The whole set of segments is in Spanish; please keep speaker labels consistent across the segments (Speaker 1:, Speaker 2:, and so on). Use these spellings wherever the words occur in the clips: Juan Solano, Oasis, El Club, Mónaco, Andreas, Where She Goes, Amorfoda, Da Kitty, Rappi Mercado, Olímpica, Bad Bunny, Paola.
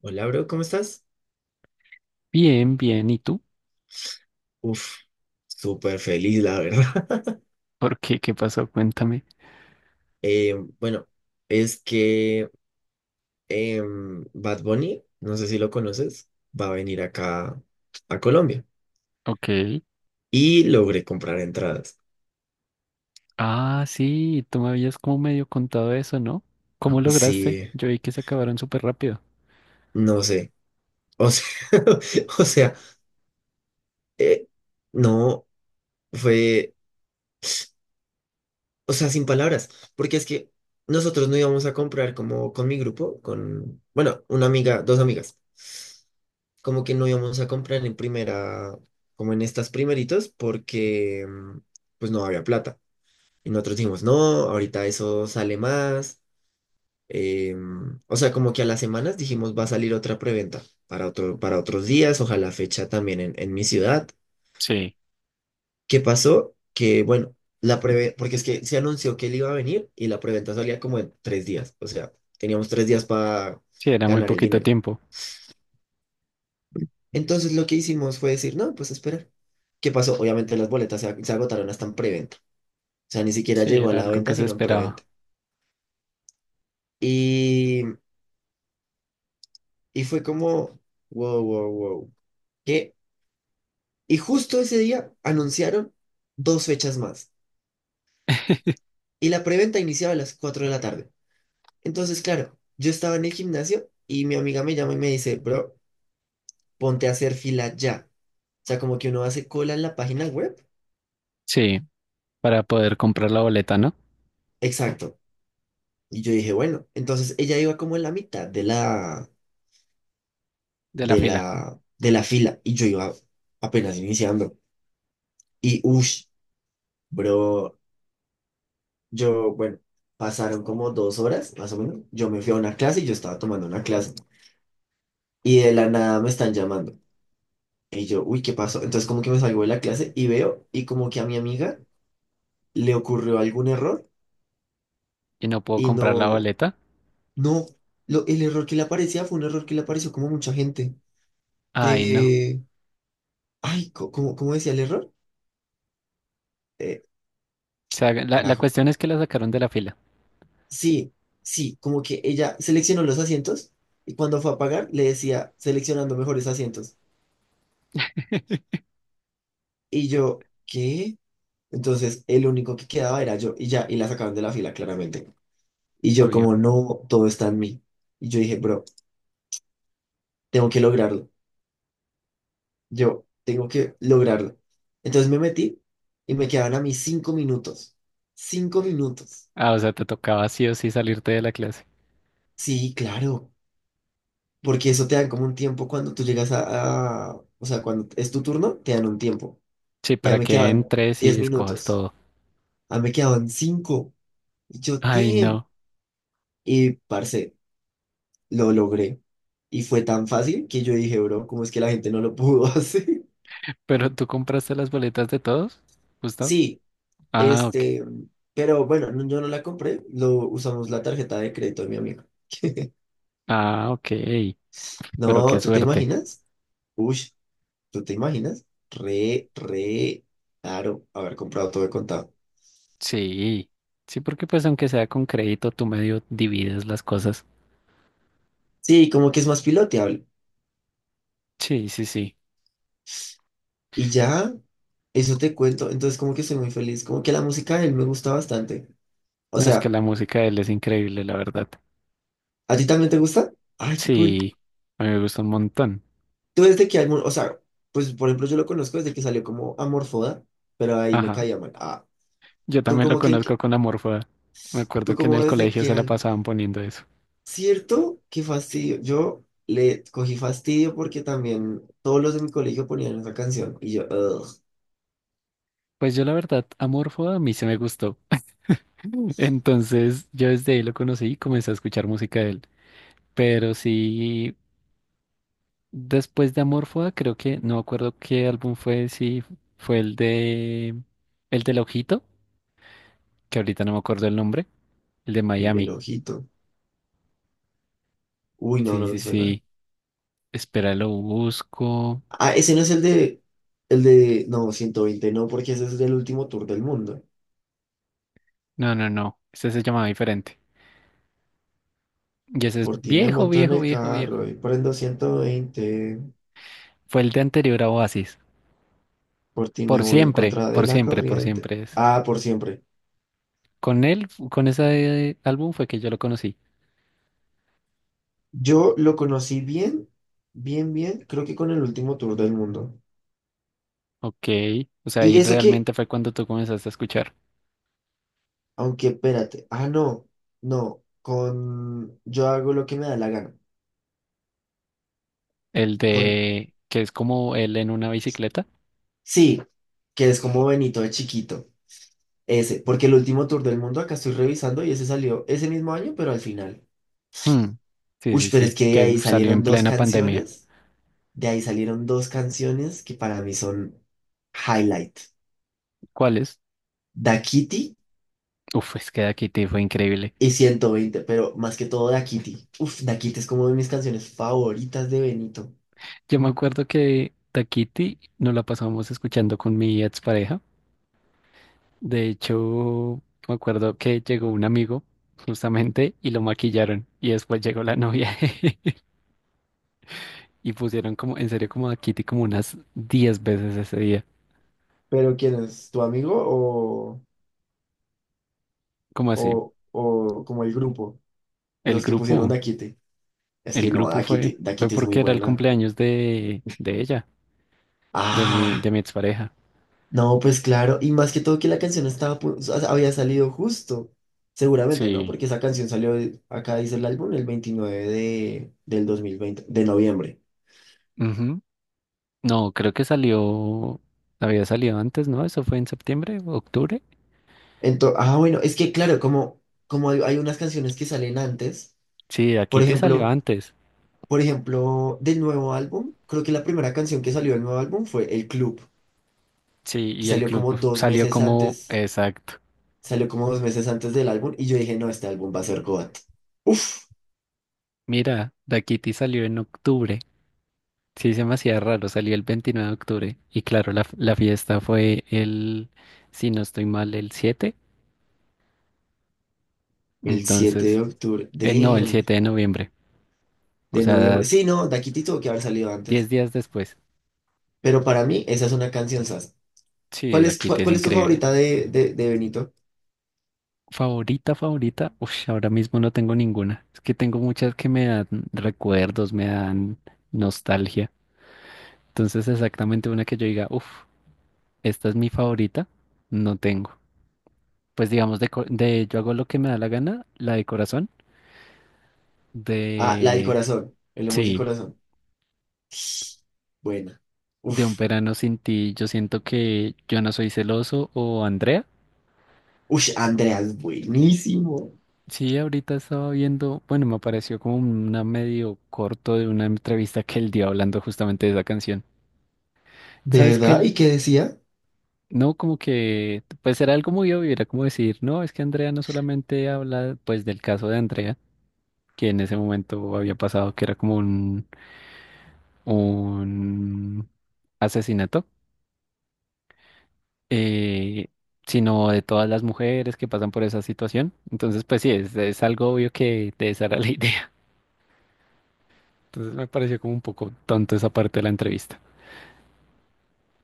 Speaker 1: Hola, bro, ¿cómo estás?
Speaker 2: Bien, bien. ¿Y tú?
Speaker 1: Uf, súper feliz, la verdad.
Speaker 2: ¿Por qué? ¿Qué pasó? Cuéntame.
Speaker 1: Eh, bueno, es que Bad Bunny, no sé si lo conoces, va a venir acá a Colombia.
Speaker 2: Ok.
Speaker 1: Y logré comprar entradas.
Speaker 2: Ah, sí, tú me habías como medio contado eso, ¿no? ¿Cómo lograste?
Speaker 1: Sí,
Speaker 2: Yo vi que se acabaron súper rápido.
Speaker 1: no sé. O sea, o sea, eh, no fue, o sea, sin palabras, porque es que nosotros no íbamos a comprar como con mi grupo, con, bueno, una amiga, dos amigas. Como que no íbamos a comprar en primera, como en estas primeritos, porque pues no había plata. Y nosotros dijimos, no, ahorita eso sale más. O sea, como que a las semanas dijimos, va a salir otra preventa para otros días, ojalá fecha también en mi ciudad.
Speaker 2: Sí,
Speaker 1: ¿Qué pasó? Que bueno, porque es que se anunció que él iba a venir y la preventa salía como en 3 días. O sea, teníamos 3 días para
Speaker 2: sí, era muy
Speaker 1: ganar el
Speaker 2: poquito
Speaker 1: dinero.
Speaker 2: tiempo.
Speaker 1: Entonces lo que hicimos fue decir, no, pues esperar. ¿Qué pasó? Obviamente las boletas se agotaron hasta en preventa. O sea, ni siquiera
Speaker 2: Sí,
Speaker 1: llegó a
Speaker 2: era
Speaker 1: la
Speaker 2: algo que
Speaker 1: venta,
Speaker 2: se
Speaker 1: sino en preventa.
Speaker 2: esperaba.
Speaker 1: Y, y fue como, wow, wow, wow. ¿Qué? Y justo ese día anunciaron dos fechas más. Y la preventa iniciaba a las 4 de la tarde. Entonces, claro, yo estaba en el gimnasio y mi amiga me llama y me dice, bro, ponte a hacer fila ya. O sea, como que uno hace cola en la página web.
Speaker 2: Sí, para poder comprar la boleta, ¿no?
Speaker 1: Exacto. Y yo dije, bueno, entonces ella iba como en la mitad de la,
Speaker 2: De la
Speaker 1: de
Speaker 2: fila.
Speaker 1: la, de la fila y yo iba apenas iniciando. Y uff, bro, yo, bueno, pasaron como 2 horas más o menos. Yo me fui a una clase y yo estaba tomando una clase y de la nada me están llamando. Y yo, uy, ¿qué pasó? Entonces como que me salgo de la clase y veo y como que a mi amiga le ocurrió algún error
Speaker 2: Y no puedo
Speaker 1: y
Speaker 2: comprar la
Speaker 1: no,
Speaker 2: boleta.
Speaker 1: no, lo, el error que le aparecía fue un error que le apareció como a mucha gente
Speaker 2: Ay, no.
Speaker 1: de, ay, ¿cómo decía el error? Eh,
Speaker 2: O sea, la
Speaker 1: carajo.
Speaker 2: cuestión es que la sacaron de la fila.
Speaker 1: Sí, sí, como que ella seleccionó los asientos y cuando fue a pagar le decía seleccionando mejores asientos. Y yo, ¿qué? Entonces el único que quedaba era yo y ya, y la sacaron de la fila claramente. Y yo
Speaker 2: Obvio.
Speaker 1: como, no, todo está en mí. Y yo dije, bro, tengo que lograrlo. Yo tengo que lograrlo. Entonces me metí y me quedaban a mí 5 minutos. 5 minutos.
Speaker 2: Ah, o sea, te tocaba sí o sí salirte de la clase.
Speaker 1: Sí, claro, porque eso te dan como un tiempo cuando tú llegas o sea, cuando es tu turno, te dan un tiempo.
Speaker 2: Sí,
Speaker 1: Ya
Speaker 2: para
Speaker 1: me
Speaker 2: que
Speaker 1: quedan
Speaker 2: entres y
Speaker 1: 10
Speaker 2: escojas
Speaker 1: minutos.
Speaker 2: todo.
Speaker 1: Ya me quedaban cinco. Y yo,
Speaker 2: Ay,
Speaker 1: te...
Speaker 2: no.
Speaker 1: Y, parce, lo logré. Y fue tan fácil que yo dije, bro, ¿cómo es que la gente no lo pudo hacer?
Speaker 2: ¿Pero tú compraste las boletas de todos? ¿Justo?
Speaker 1: Sí,
Speaker 2: Ah, ok.
Speaker 1: este... Pero bueno, yo no la compré. Lo usamos la tarjeta de crédito de mi amigo.
Speaker 2: Ah, ok. Pero
Speaker 1: No,
Speaker 2: qué
Speaker 1: ¿tú te
Speaker 2: suerte.
Speaker 1: imaginas? Uy, ¿tú te imaginas? Re, re... Claro, haber comprado todo de contado.
Speaker 2: Sí. Sí, porque pues aunque sea con crédito, tú medio divides las cosas.
Speaker 1: Sí, como que es más piloteable.
Speaker 2: Sí, sí, sí.
Speaker 1: Y ya, eso te cuento. Entonces, como que soy muy feliz. Como que la música de él me gusta bastante. O
Speaker 2: No, es que
Speaker 1: sea,
Speaker 2: la música de él es increíble, la verdad.
Speaker 1: ¿a ti también te gusta? Ay, qué cool.
Speaker 2: Sí, a mí me gusta un montón.
Speaker 1: Tú desde que álbum, o sea, pues por ejemplo, yo lo conozco desde que salió como Amorfoda, pero ahí me
Speaker 2: Ajá.
Speaker 1: caía mal. Ah,
Speaker 2: Yo
Speaker 1: tú
Speaker 2: también lo
Speaker 1: como que,
Speaker 2: conozco con Amorfoda. Me
Speaker 1: tú
Speaker 2: acuerdo que en
Speaker 1: como
Speaker 2: el
Speaker 1: desde
Speaker 2: colegio
Speaker 1: qué
Speaker 2: se la
Speaker 1: alma.
Speaker 2: pasaban poniendo eso.
Speaker 1: ¿Cierto? Qué fastidio. Yo le cogí fastidio porque también todos los de mi colegio ponían esa canción. Y yo, "Ugh,
Speaker 2: Pues yo la verdad, Amorfoda a mí se me gustó. Entonces yo desde ahí lo conocí y comencé a escuchar música de él. Pero sí, después de Amorfoda, creo que, no me acuerdo qué álbum fue, si fue el del Ojito, que ahorita no me acuerdo el nombre, el de
Speaker 1: el del
Speaker 2: Miami.
Speaker 1: ojito. Uy, no,
Speaker 2: Sí,
Speaker 1: no me
Speaker 2: sí,
Speaker 1: suena.
Speaker 2: sí. Espera, lo busco.
Speaker 1: Ah, ese no es no, 120 no, porque ese es del último tour del mundo.
Speaker 2: No, no, no. Ese se llamaba diferente. Y ese es
Speaker 1: Por ti me
Speaker 2: viejo,
Speaker 1: monto en
Speaker 2: viejo,
Speaker 1: el
Speaker 2: viejo, viejo.
Speaker 1: carro y prendo 120.
Speaker 2: Fue el de anterior a Oasis.
Speaker 1: Por ti me
Speaker 2: Por
Speaker 1: voy en
Speaker 2: siempre,
Speaker 1: contra de
Speaker 2: por
Speaker 1: la
Speaker 2: siempre, por
Speaker 1: corriente.
Speaker 2: siempre es.
Speaker 1: Ah, por siempre.
Speaker 2: Con él, con ese álbum fue que yo lo conocí.
Speaker 1: Yo lo conocí bien, bien, bien, creo que con el último tour del mundo.
Speaker 2: Ok. O sea, ahí
Speaker 1: Y eso que,
Speaker 2: realmente fue cuando tú comenzaste a escuchar.
Speaker 1: aunque espérate, ah, no, yo hago lo que me da la gana.
Speaker 2: El
Speaker 1: Con,
Speaker 2: de que es como él en una bicicleta.
Speaker 1: sí, que es como Benito de chiquito. Ese, porque el último tour del mundo acá estoy revisando y ese salió ese mismo año, pero al final.
Speaker 2: Mm, sí,
Speaker 1: Uy,
Speaker 2: sí,
Speaker 1: pero es
Speaker 2: sí,
Speaker 1: que de
Speaker 2: que
Speaker 1: ahí
Speaker 2: salió en
Speaker 1: salieron dos
Speaker 2: plena pandemia.
Speaker 1: canciones, de ahí salieron dos canciones que para mí son highlight.
Speaker 2: ¿Cuál es?
Speaker 1: Da Kitty
Speaker 2: Uf, es que Da Kitty fue increíble.
Speaker 1: y 120, pero más que todo Da Kitty. Uf, Da Kitty es como de mis canciones favoritas de Benito.
Speaker 2: Yo me acuerdo que Da Kitty nos la pasábamos escuchando con mi expareja. De hecho, me acuerdo que llegó un amigo justamente y lo maquillaron y después llegó la novia y pusieron como, en serio, como Da Kitty como unas 10 veces ese día.
Speaker 1: ¿Pero quién es? ¿Tu amigo
Speaker 2: ¿Cómo así?
Speaker 1: o como el grupo?
Speaker 2: El
Speaker 1: Los que pusieron
Speaker 2: grupo,
Speaker 1: Da Kitty. Es
Speaker 2: el
Speaker 1: que no,
Speaker 2: grupo
Speaker 1: Da
Speaker 2: fue,
Speaker 1: Kitty, Da
Speaker 2: fue
Speaker 1: Kitty es muy
Speaker 2: porque era el
Speaker 1: buena.
Speaker 2: cumpleaños de ella, de mi,
Speaker 1: Ah.
Speaker 2: de mi expareja.
Speaker 1: No, pues claro, y más que todo que la canción estaba, o sea, había salido justo, seguramente, ¿no?
Speaker 2: Sí.
Speaker 1: Porque esa canción salió, acá dice el álbum, el 29 de, del 2020 de noviembre.
Speaker 2: No, creo que salió, había salido antes, ¿no? Eso fue en septiembre, octubre.
Speaker 1: Entonces, ah, bueno, es que claro, como, como hay unas canciones que salen antes,
Speaker 2: Sí,
Speaker 1: por
Speaker 2: aquí te salió
Speaker 1: ejemplo,
Speaker 2: antes.
Speaker 1: por ejemplo, del nuevo álbum, creo que la primera canción que salió del nuevo álbum fue El Club,
Speaker 2: Sí,
Speaker 1: que
Speaker 2: y el
Speaker 1: salió
Speaker 2: club
Speaker 1: como dos
Speaker 2: salió
Speaker 1: meses
Speaker 2: como,
Speaker 1: antes,
Speaker 2: exacto.
Speaker 1: salió como 2 meses antes del álbum, y yo dije, no, este álbum va a ser GOAT. Uf,
Speaker 2: Mira, Da Kitty salió en octubre. Sí, se me hacía raro, salió el 29 de octubre. Y claro, la fiesta fue el, si no estoy mal, el 7.
Speaker 1: el 7
Speaker 2: Entonces,
Speaker 1: de octubre
Speaker 2: no, el
Speaker 1: de...
Speaker 2: 7 de noviembre. O
Speaker 1: De
Speaker 2: sea,
Speaker 1: noviembre. Sí, no, Daquiti tuvo que haber salido
Speaker 2: 10
Speaker 1: antes.
Speaker 2: días después.
Speaker 1: Pero para mí, esa es una canción sas.
Speaker 2: Sí, Da Kitty es
Speaker 1: ¿Cuál es tu
Speaker 2: increíble.
Speaker 1: favorita de, de Benito?
Speaker 2: Favorita, favorita, uff, ahora mismo no tengo ninguna. Es que tengo muchas que me dan recuerdos, me dan nostalgia. Entonces, exactamente una que yo diga, uff, esta es mi favorita, no tengo. Pues digamos, de yo hago lo que me da la gana, la de corazón,
Speaker 1: Ah, la del
Speaker 2: de,
Speaker 1: corazón. El emoji
Speaker 2: sí,
Speaker 1: corazón. Buena.
Speaker 2: de un
Speaker 1: Uf.
Speaker 2: verano sin ti, yo siento que yo no soy celoso o Andrea.
Speaker 1: Ush, Andreas, buenísimo.
Speaker 2: Sí, ahorita estaba viendo, bueno, me apareció como una medio corto de una entrevista que él dio hablando justamente de esa canción.
Speaker 1: ¿De
Speaker 2: ¿Sabes
Speaker 1: verdad?
Speaker 2: qué?
Speaker 1: ¿Y qué decía?
Speaker 2: No, como que, pues era algo muy obvio, era como decir, no, es que Andrea no solamente habla pues del caso de Andrea, que en ese momento había pasado que era como un asesinato, eh, sino de todas las mujeres que pasan por esa situación. Entonces, pues sí, es algo obvio que de esa era la idea. Entonces me pareció como un poco tonto esa parte de la entrevista.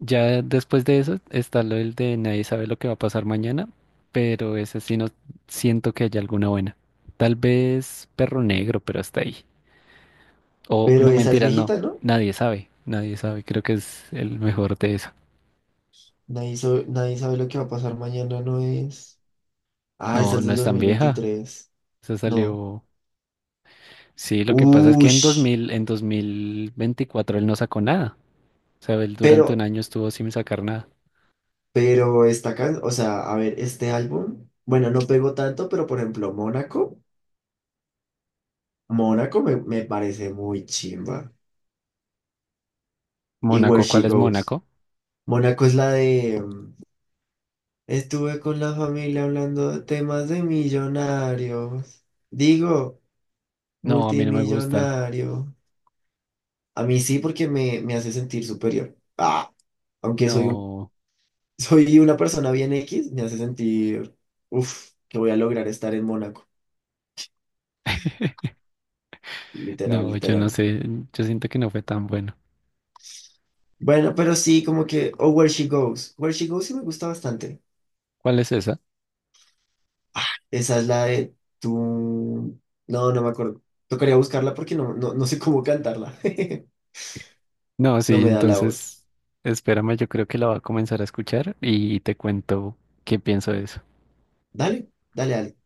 Speaker 2: Ya después de eso está lo del de nadie sabe lo que va a pasar mañana, pero ese sí no siento que haya alguna buena. Tal vez Perro Negro, pero hasta ahí. O
Speaker 1: Pero
Speaker 2: no
Speaker 1: esa es
Speaker 2: mentiras, no.
Speaker 1: viejita, ¿no?
Speaker 2: Nadie sabe. Nadie sabe. Creo que es el mejor de eso.
Speaker 1: Nadie, nadie sabe lo que va a pasar mañana, ¿no es? Ah, esa
Speaker 2: No,
Speaker 1: es
Speaker 2: no
Speaker 1: del
Speaker 2: es
Speaker 1: dos
Speaker 2: tan
Speaker 1: mil
Speaker 2: vieja.
Speaker 1: veintitrés
Speaker 2: Se
Speaker 1: No.
Speaker 2: salió. Sí, lo que pasa es que en dos
Speaker 1: Ush.
Speaker 2: mil, en 2024 él no sacó nada. O sea, él durante un
Speaker 1: Pero,
Speaker 2: año estuvo sin sacar nada.
Speaker 1: pero esta can, o sea, a ver, este álbum, bueno, no pegó tanto, pero por ejemplo, Mónaco. Mónaco me parece muy chimba. Y Where
Speaker 2: Mónaco, ¿cuál
Speaker 1: She
Speaker 2: es
Speaker 1: Goes.
Speaker 2: Mónaco?
Speaker 1: Mónaco es la de... Estuve con la familia hablando de temas de millonarios. Digo,
Speaker 2: No, a mí no me gusta.
Speaker 1: multimillonario. A mí sí porque me hace sentir superior. Ah, aunque soy un,
Speaker 2: No.
Speaker 1: soy una persona bien X, me hace sentir... uff, que voy a lograr estar en Mónaco. Literal,
Speaker 2: No, yo no
Speaker 1: literal.
Speaker 2: sé, yo siento que no fue tan bueno.
Speaker 1: Bueno, pero sí, como que... O Where She Goes. Where She Goes sí me gusta bastante.
Speaker 2: ¿Cuál es esa?
Speaker 1: Esa es la de tú. No, no me acuerdo. Tocaría buscarla porque no, no sé cómo cantarla.
Speaker 2: No,
Speaker 1: No
Speaker 2: sí,
Speaker 1: me da la voz.
Speaker 2: entonces espérame, yo creo que la voy a comenzar a escuchar y te cuento qué pienso de eso.
Speaker 1: Dale, dale, dale.